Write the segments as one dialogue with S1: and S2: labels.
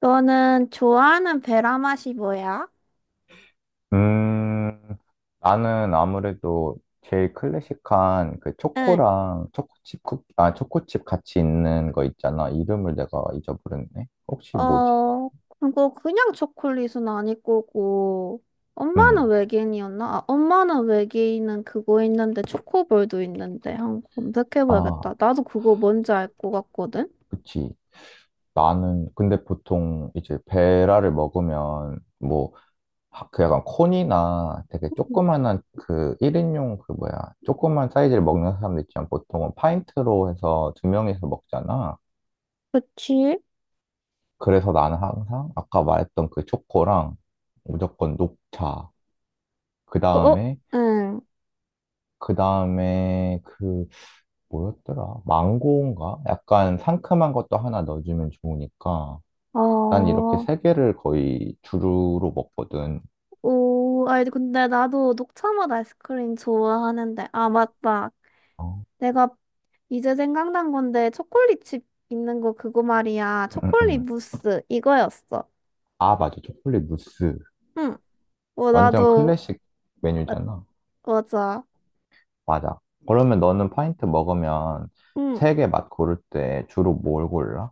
S1: 너는 좋아하는 베라 맛이 뭐야?
S2: 음, 나는 아무래도 제일 클래식한 그
S1: 응.
S2: 초코랑 초코칩 쿠 아, 초코칩 같이 있는 거 있잖아. 이름을 내가 잊어버렸네. 혹시 뭐지?
S1: 어, 그거 그냥 초콜릿은 아닐 거고. 엄마는
S2: 음.
S1: 외계인이었나? 엄마는 외계인은 그거 있는데 초코볼도 있는데 한번 검색해봐야겠다.
S2: 아,
S1: 나도 그거 뭔지 알 것 같거든?
S2: 그치. 나는, 근데 보통 이제 베라를 먹으면 뭐, 그 약간 콘이나 되게
S1: 음,
S2: 조그만한 그 1인용 그 뭐야, 조그만 사이즈를 먹는 사람들 있지만 보통은 파인트로 해서 두 명이서 먹잖아.
S1: 그치?
S2: 그래서 나는 항상 아까 말했던 그 초코랑 무조건 녹차. 그
S1: 어, 어,
S2: 다음에,
S1: 응.
S2: 그 다음에 그 뭐였더라? 망고인가? 약간 상큼한 것도 하나 넣어주면 좋으니까. 난 이렇게
S1: 어,
S2: 세 개를 거의 주루로 먹거든.
S1: 오, 아니 근데 나도 녹차 맛 아이스크림 좋아하는데. 아, 맞다.
S2: 어.
S1: 내가 이제 생각난 건데 초콜릿집 있는 거 그거 말이야.
S2: 음, 음,
S1: 초콜릿
S2: 음.
S1: 무스 이거였어.
S2: 아, 맞아. 초콜릿 무스.
S1: 응.
S2: 완전
S1: 나도.
S2: 클래식
S1: 아,
S2: 메뉴잖아.
S1: 맞아.
S2: 맞아. 그러면 너는 파인트 먹으면
S1: 응.
S2: 세 개 맛 고를 때 주로 뭘 골라?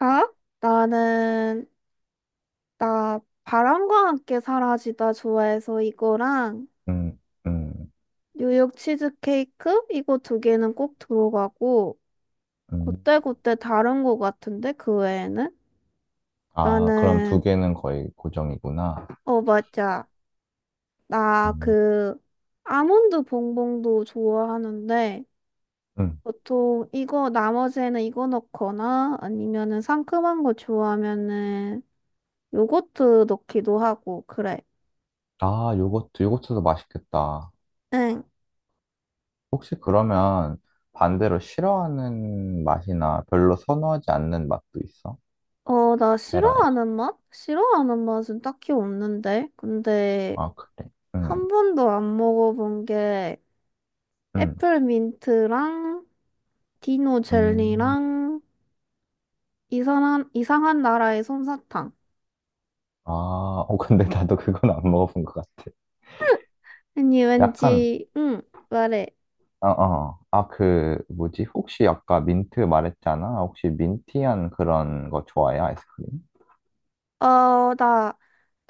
S1: 아? 나는 나 바람과 함께 사라지다 좋아해서 이거랑
S2: 음, 음,
S1: 뉴욕 치즈케이크 이거 두 개는 꼭 들어가고
S2: 음.
S1: 그때그때 다른 거 같은데 그 외에는
S2: 아, 그럼 두
S1: 나는
S2: 개는 거의 고정이구나.
S1: 맞아. 나
S2: 음.
S1: 그 아몬드 봉봉도 좋아하는데
S2: 음.
S1: 보통 이거 나머지에는 이거 넣거나 아니면은 상큼한 거 좋아하면은 요거트 넣기도 하고 그래.
S2: 아, 요거트, 요거트도 맛있겠다.
S1: 응.
S2: 혹시 그러면 반대로 싫어하는 맛이나 별로 선호하지 않는 맛도 있어?
S1: 나
S2: 베라에서.
S1: 싫어하는 맛? 싫어하는 맛은 딱히 없는데. 근데
S2: 아, 그래. 음,
S1: 한 번도 안 먹어본 게
S2: 음,
S1: 애플 민트랑 디노
S2: 음.
S1: 젤리랑 이상한 나라의 솜사탕.
S2: 아, 어, 근데 나도 그건 안 먹어본 것 같아.
S1: 아니
S2: 약간,
S1: 왠지 응 말해.
S2: 어, 어. 아, 그, 뭐지? 혹시 아까 민트 말했잖아. 혹시 민티한 그런 거 좋아해? 아이스크림?
S1: 나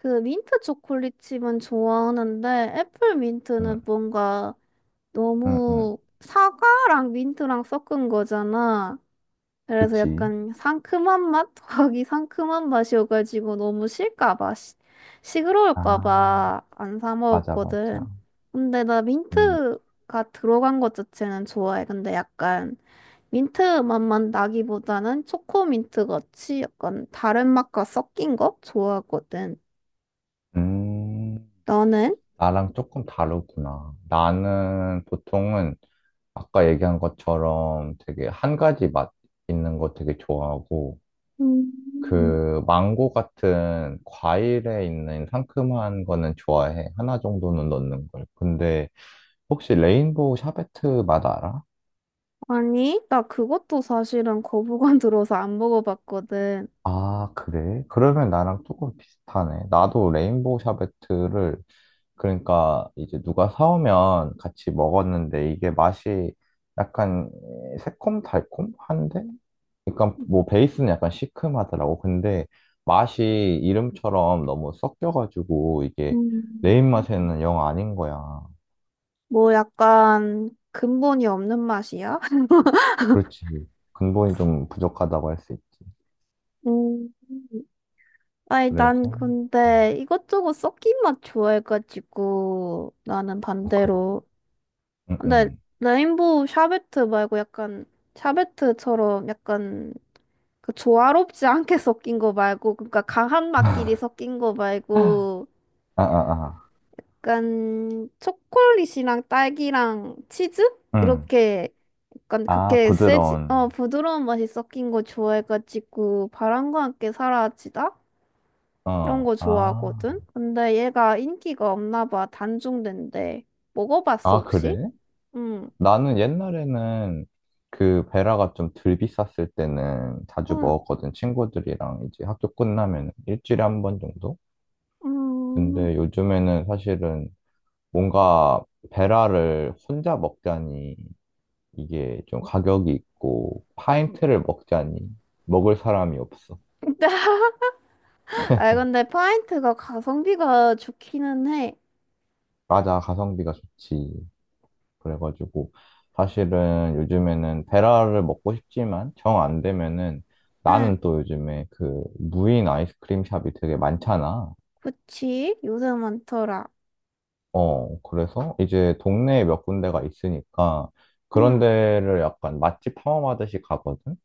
S1: 그 민트 초콜릿 칩은 좋아하는데 애플
S2: 응,
S1: 민트는 뭔가
S2: 응, 응.
S1: 너무 사과랑 민트랑 섞은 거잖아. 그래서
S2: 그치.
S1: 약간 상큼한 맛? 거기 상큼한 맛이어가지고 너무 실까 봐. 시끄러울까
S2: 아,
S1: 봐 안 사
S2: 맞아, 맞아.
S1: 먹었거든. 근데 나
S2: 음,
S1: 민트가 들어간 것 자체는 좋아해. 근데 약간 민트 맛만 나기보다는 초코민트 같이 약간 다른 맛과 섞인 거 좋아하거든.
S2: 음,
S1: 너는?
S2: 나랑 조금 다르구나. 나는 보통은 아까 얘기한 것처럼 되게 한 가지 맛 있는 거 되게 좋아하고,
S1: 음,
S2: 그 망고 같은 과일에 있는 상큼한 거는 좋아해. 하나 정도는 넣는 걸. 근데 혹시 레인보우 샤베트 맛 알아?
S1: 아니, 나 그것도 사실은 거부감 들어서 안 먹어봤거든.
S2: 아, 그래? 그러면 나랑 조금 비슷하네. 나도 레인보우 샤베트를 그러니까 이제 누가 사오면 같이 먹었는데 이게 맛이 약간 새콤달콤한데? 그러니까 뭐 베이스는 약간 시큼하더라고. 근데 맛이 이름처럼 너무 섞여가지고 이게
S1: 음,
S2: 내 입맛에는 영 아닌 거야.
S1: 뭐 약간 근본이 없는 맛이야?
S2: 그렇지. 근본이 좀 부족하다고 할 수 있지.
S1: 음. 아니,
S2: 그래서
S1: 난
S2: 음,
S1: 근데 이것저것 섞인 맛 좋아해가지고 나는
S2: 어, 그래.
S1: 반대로.
S2: 응,
S1: 근데
S2: 응.
S1: 레인보우 샤베트 말고 약간 샤베트처럼 약간 그 조화롭지 않게 섞인 거 말고, 그러니까 강한 맛끼리 섞인 거 말고,
S2: 아, 아, 아.
S1: 약간 초콜릿이랑 딸기랑 치즈?
S2: 응.
S1: 이렇게 약간
S2: 아,
S1: 그렇게 세지,
S2: 부드러운.
S1: 부드러운 맛이 섞인 거 좋아해가지고, 바람과 함께 사라지다? 이런
S2: 어.
S1: 거
S2: 아.
S1: 좋아하거든? 근데 얘가 인기가 없나 봐, 단종된대. 먹어봤어,
S2: 아,
S1: 혹시?
S2: 그래?
S1: 응,
S2: 나는 옛날에는 그 베라가 좀 덜 비쌌을 때는 자주
S1: 응,
S2: 먹었거든. 친구들이랑 이제 학교 끝나면 일주일에 한 번 정도?
S1: 음.
S2: 근데 요즘에는 사실은 뭔가 베라를 혼자 먹자니 이게 좀 가격이 있고 파인트를 먹자니 먹을 사람이 없어.
S1: 아, 근데 파인트가 가성비가 좋기는 해.
S2: 맞아, 가성비가 좋지. 그래가지고 사실은 요즘에는 베라를 먹고 싶지만 정 안 되면은
S1: 응.
S2: 나는 또 요즘에 그 무인 아이스크림 샵이 되게 많잖아.
S1: 그치? 요새 많더라.
S2: 어, 그래서 이제 동네에 몇 군데가 있으니까 그런
S1: 응.
S2: 데를 약간 맛집 탐험하듯이 가거든?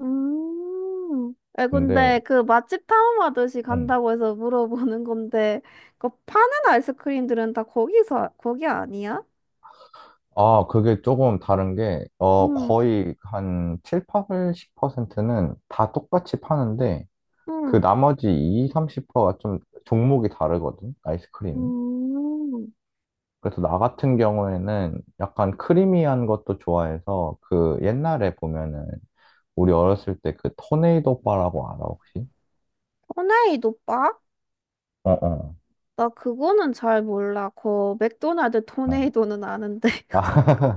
S1: 음. 근데
S2: 근데,
S1: 그 맛집 탐험하듯이
S2: 음.
S1: 간다고 해서 물어보는 건데 그 파는 아이스크림들은 다 거기서 거기 아니야?
S2: 아, 그게 조금 다른 게, 어,
S1: 응.
S2: 거의 한 7, 80%는 다 똑같이 파는데, 그
S1: 응.
S2: 나머지 20, 30%가 좀 종목이 다르거든? 아이스크림이.
S1: 음.
S2: 그래서 나 같은 경우에는 약간 크리미한 것도 좋아해서 그 옛날에 보면은 우리 어렸을 때 그 토네이도 바라고 알아 혹시?
S1: 토네이도 바?
S2: 어어.
S1: 나 그거는 잘 몰라. 그 맥도날드
S2: 어. 어.
S1: 토네이도는 아는데.
S2: 아,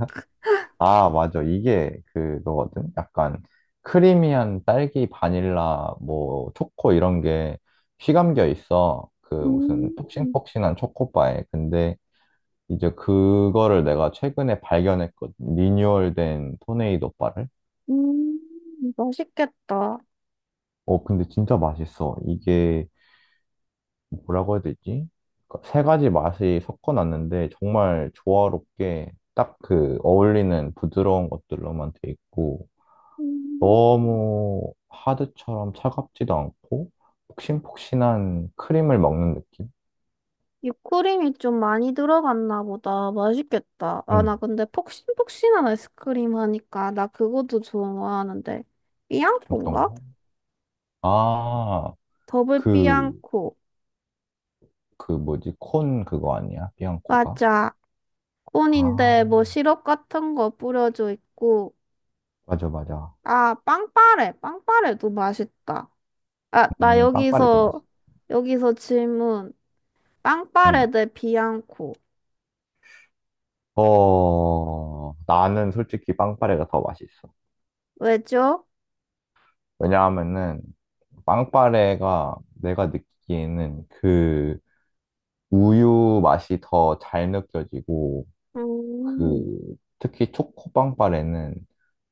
S2: 아 맞아 이게 그거거든. 약간 크리미한 딸기 바닐라 뭐 초코 이런 게 휘감겨 있어. 그 무슨
S1: 음.
S2: 폭신폭신한 초코바에. 근데 이제 그거를 내가 최근에 발견했거든. 리뉴얼된 토네이도 바를.
S1: 음. 맛있겠다.
S2: 어 근데 진짜 맛있어. 이게 뭐라고 해야 되지? 그러니까 세 가지 맛이 섞어놨는데 정말 조화롭게 딱 그 어울리는 부드러운 것들로만 돼 있고
S1: 음.
S2: 너무 하드처럼 차갑지도 않고 폭신폭신한 크림을 먹는 느낌?
S1: whipped 좀 많이 들어갔나 보다. 맛있겠다. 아, 나
S2: 음,
S1: 근데 폭신폭신한 아이스크림 하니까 나 그것도 좋아하는데.
S2: 어떤
S1: 삐양코인가?
S2: 거? 아,
S1: 더블
S2: 그,
S1: 삐양코.
S2: 뭐지? 콘 그거 아니야? 비앙코가?
S1: 맞아.
S2: 아,
S1: 콘인데 뭐 시럽 같은 거 뿌려져 있고.
S2: 맞아, 맞아.
S1: 아, 빵빠레. 빵빠레도 맛있다. 아, 나
S2: 빵빠레도 맛있어.
S1: 여기서 질문.
S2: 음.
S1: 빵빠레 대 비앙코.
S2: 어, 나는 솔직히 빵빠레가 더 맛있어.
S1: 왜죠?
S2: 왜냐하면은 빵빠레가 내가 느끼기에는 그 우유 맛이 더 잘 느껴지고
S1: 음,
S2: 그 특히 초코 빵빠레는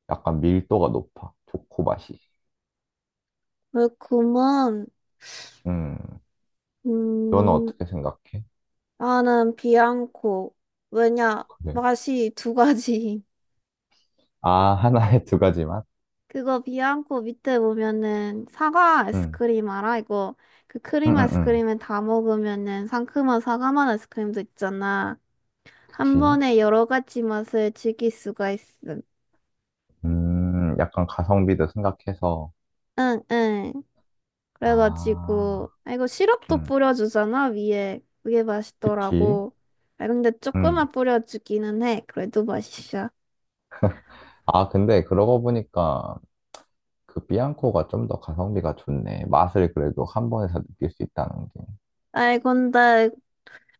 S2: 약간 밀도가 높아. 초코 맛이.
S1: 그렇구먼.
S2: 음. 너는
S1: 음.
S2: 어떻게 생각해?
S1: 나는 비앙코. 왜냐,
S2: 그래.
S1: 맛이 두 가지.
S2: 아, 하나에 두 가지 맛?
S1: 그거 비앙코 밑에 보면은 사과
S2: 응.
S1: 아이스크림 알아? 이거 그
S2: 응,
S1: 크림
S2: 응, 응.
S1: 아이스크림에 다 먹으면은 상큼한 사과 맛 아이스크림도 있잖아. 한
S2: 그치.
S1: 번에 여러 가지 맛을 즐길 수가 있음.
S2: 약간 가성비도 생각해서.
S1: 응, 응.
S2: 아,
S1: 그래가지고, 아, 이거 시럽도
S2: 응,
S1: 뿌려주잖아, 위에. 그게
S2: 그치.
S1: 맛있더라고. 아, 근데
S2: 응
S1: 조금만 뿌려주기는 해. 그래도 맛있어.
S2: 아, 근데 그러고 보니까 그 비앙코가 좀 더 가성비가 좋네. 맛을 그래도 한 번에 다 느낄 수 있다는 게.
S1: 아이, 근데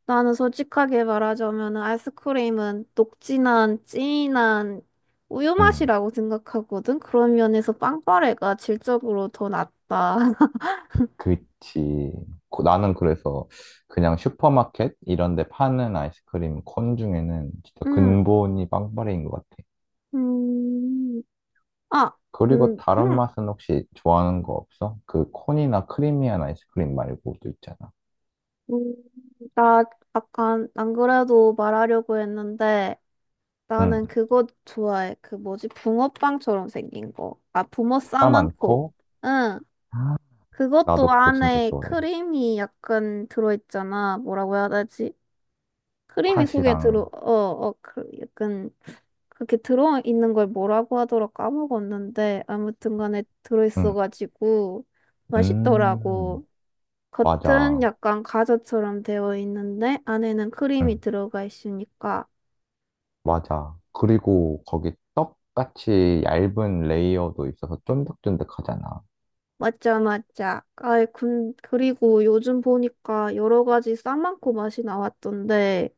S1: 나는 솔직하게 말하자면 아이스크림은 녹진한, 진한 우유
S2: 음,
S1: 맛이라고 생각하거든. 그런 면에서 빵빠레가 질적으로 더 낫다.
S2: 그치. 나는 그래서 그냥 슈퍼마켓 이런 데 파는 아이스크림 콘 중에는 진짜
S1: 음,
S2: 근본이 빵빠레인 것 같아.
S1: 음, 아,
S2: 그리고
S1: 음,
S2: 다른
S1: 음,
S2: 맛은 혹시 좋아하는 거 없어? 그 콘이나 크리미한 아이스크림 말고 또 있잖아.
S1: 음, 나 약간 안 그래도 말하려고 했는데 나는
S2: 응.
S1: 그거 좋아해. 그 뭐지? 붕어빵처럼 생긴 거. 아, 붕어
S2: 싸
S1: 싸만코.
S2: 많고.
S1: 응.
S2: 아,
S1: 그것도
S2: 나도 그거 진짜
S1: 안에
S2: 좋아해.
S1: 크림이 약간 들어있잖아. 뭐라고 해야 되지? 크림이 속에 들어,
S2: 팥이랑.
S1: 그, 약간, 그렇게 들어있는 걸 뭐라고 하더라 까먹었는데, 아무튼 간에
S2: 응.
S1: 들어있어가지고,
S2: 음,
S1: 맛있더라고. 겉은
S2: 맞아.
S1: 약간 과자처럼 되어 있는데, 안에는 크림이
S2: 응.
S1: 들어가 있으니까.
S2: 맞아. 그리고 거기 떡같이 얇은 레이어도 있어서 쫀득쫀득하잖아.
S1: 맞자, 맞자. 아이, 그리고 요즘 보니까 여러 가지 싸만코 맛이 나왔던데,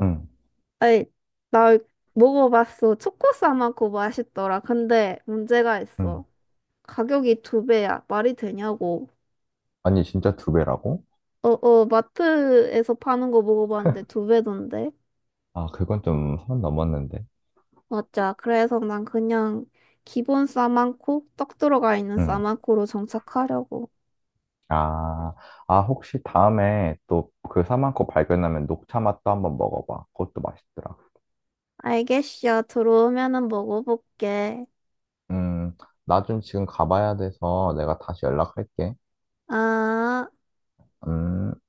S2: 응,
S1: 아이, 나 먹어봤어. 초코 싸만코 맛있더라. 근데 문제가
S2: 응.
S1: 있어. 가격이 두 배야. 말이 되냐고.
S2: 아니, 진짜 두 배라고?
S1: 마트에서 파는 거 먹어봤는데 두 배던데.
S2: 아, 그건 좀 선 넘었는데.
S1: 맞자. 그래서 난 그냥 기본 싸만코, 떡 들어가 있는
S2: 응.
S1: 싸만코로 정착하려고.
S2: 아, 아, 혹시 다음에 또 그 사만코 발견하면 녹차 맛도 한번 먹어봐. 그것도 맛있더라.
S1: 알겠어. 들어오면은 먹어볼게.
S2: 음, 나 좀 지금 가봐야 돼서 내가 다시 연락할게.
S1: 아.
S2: 음.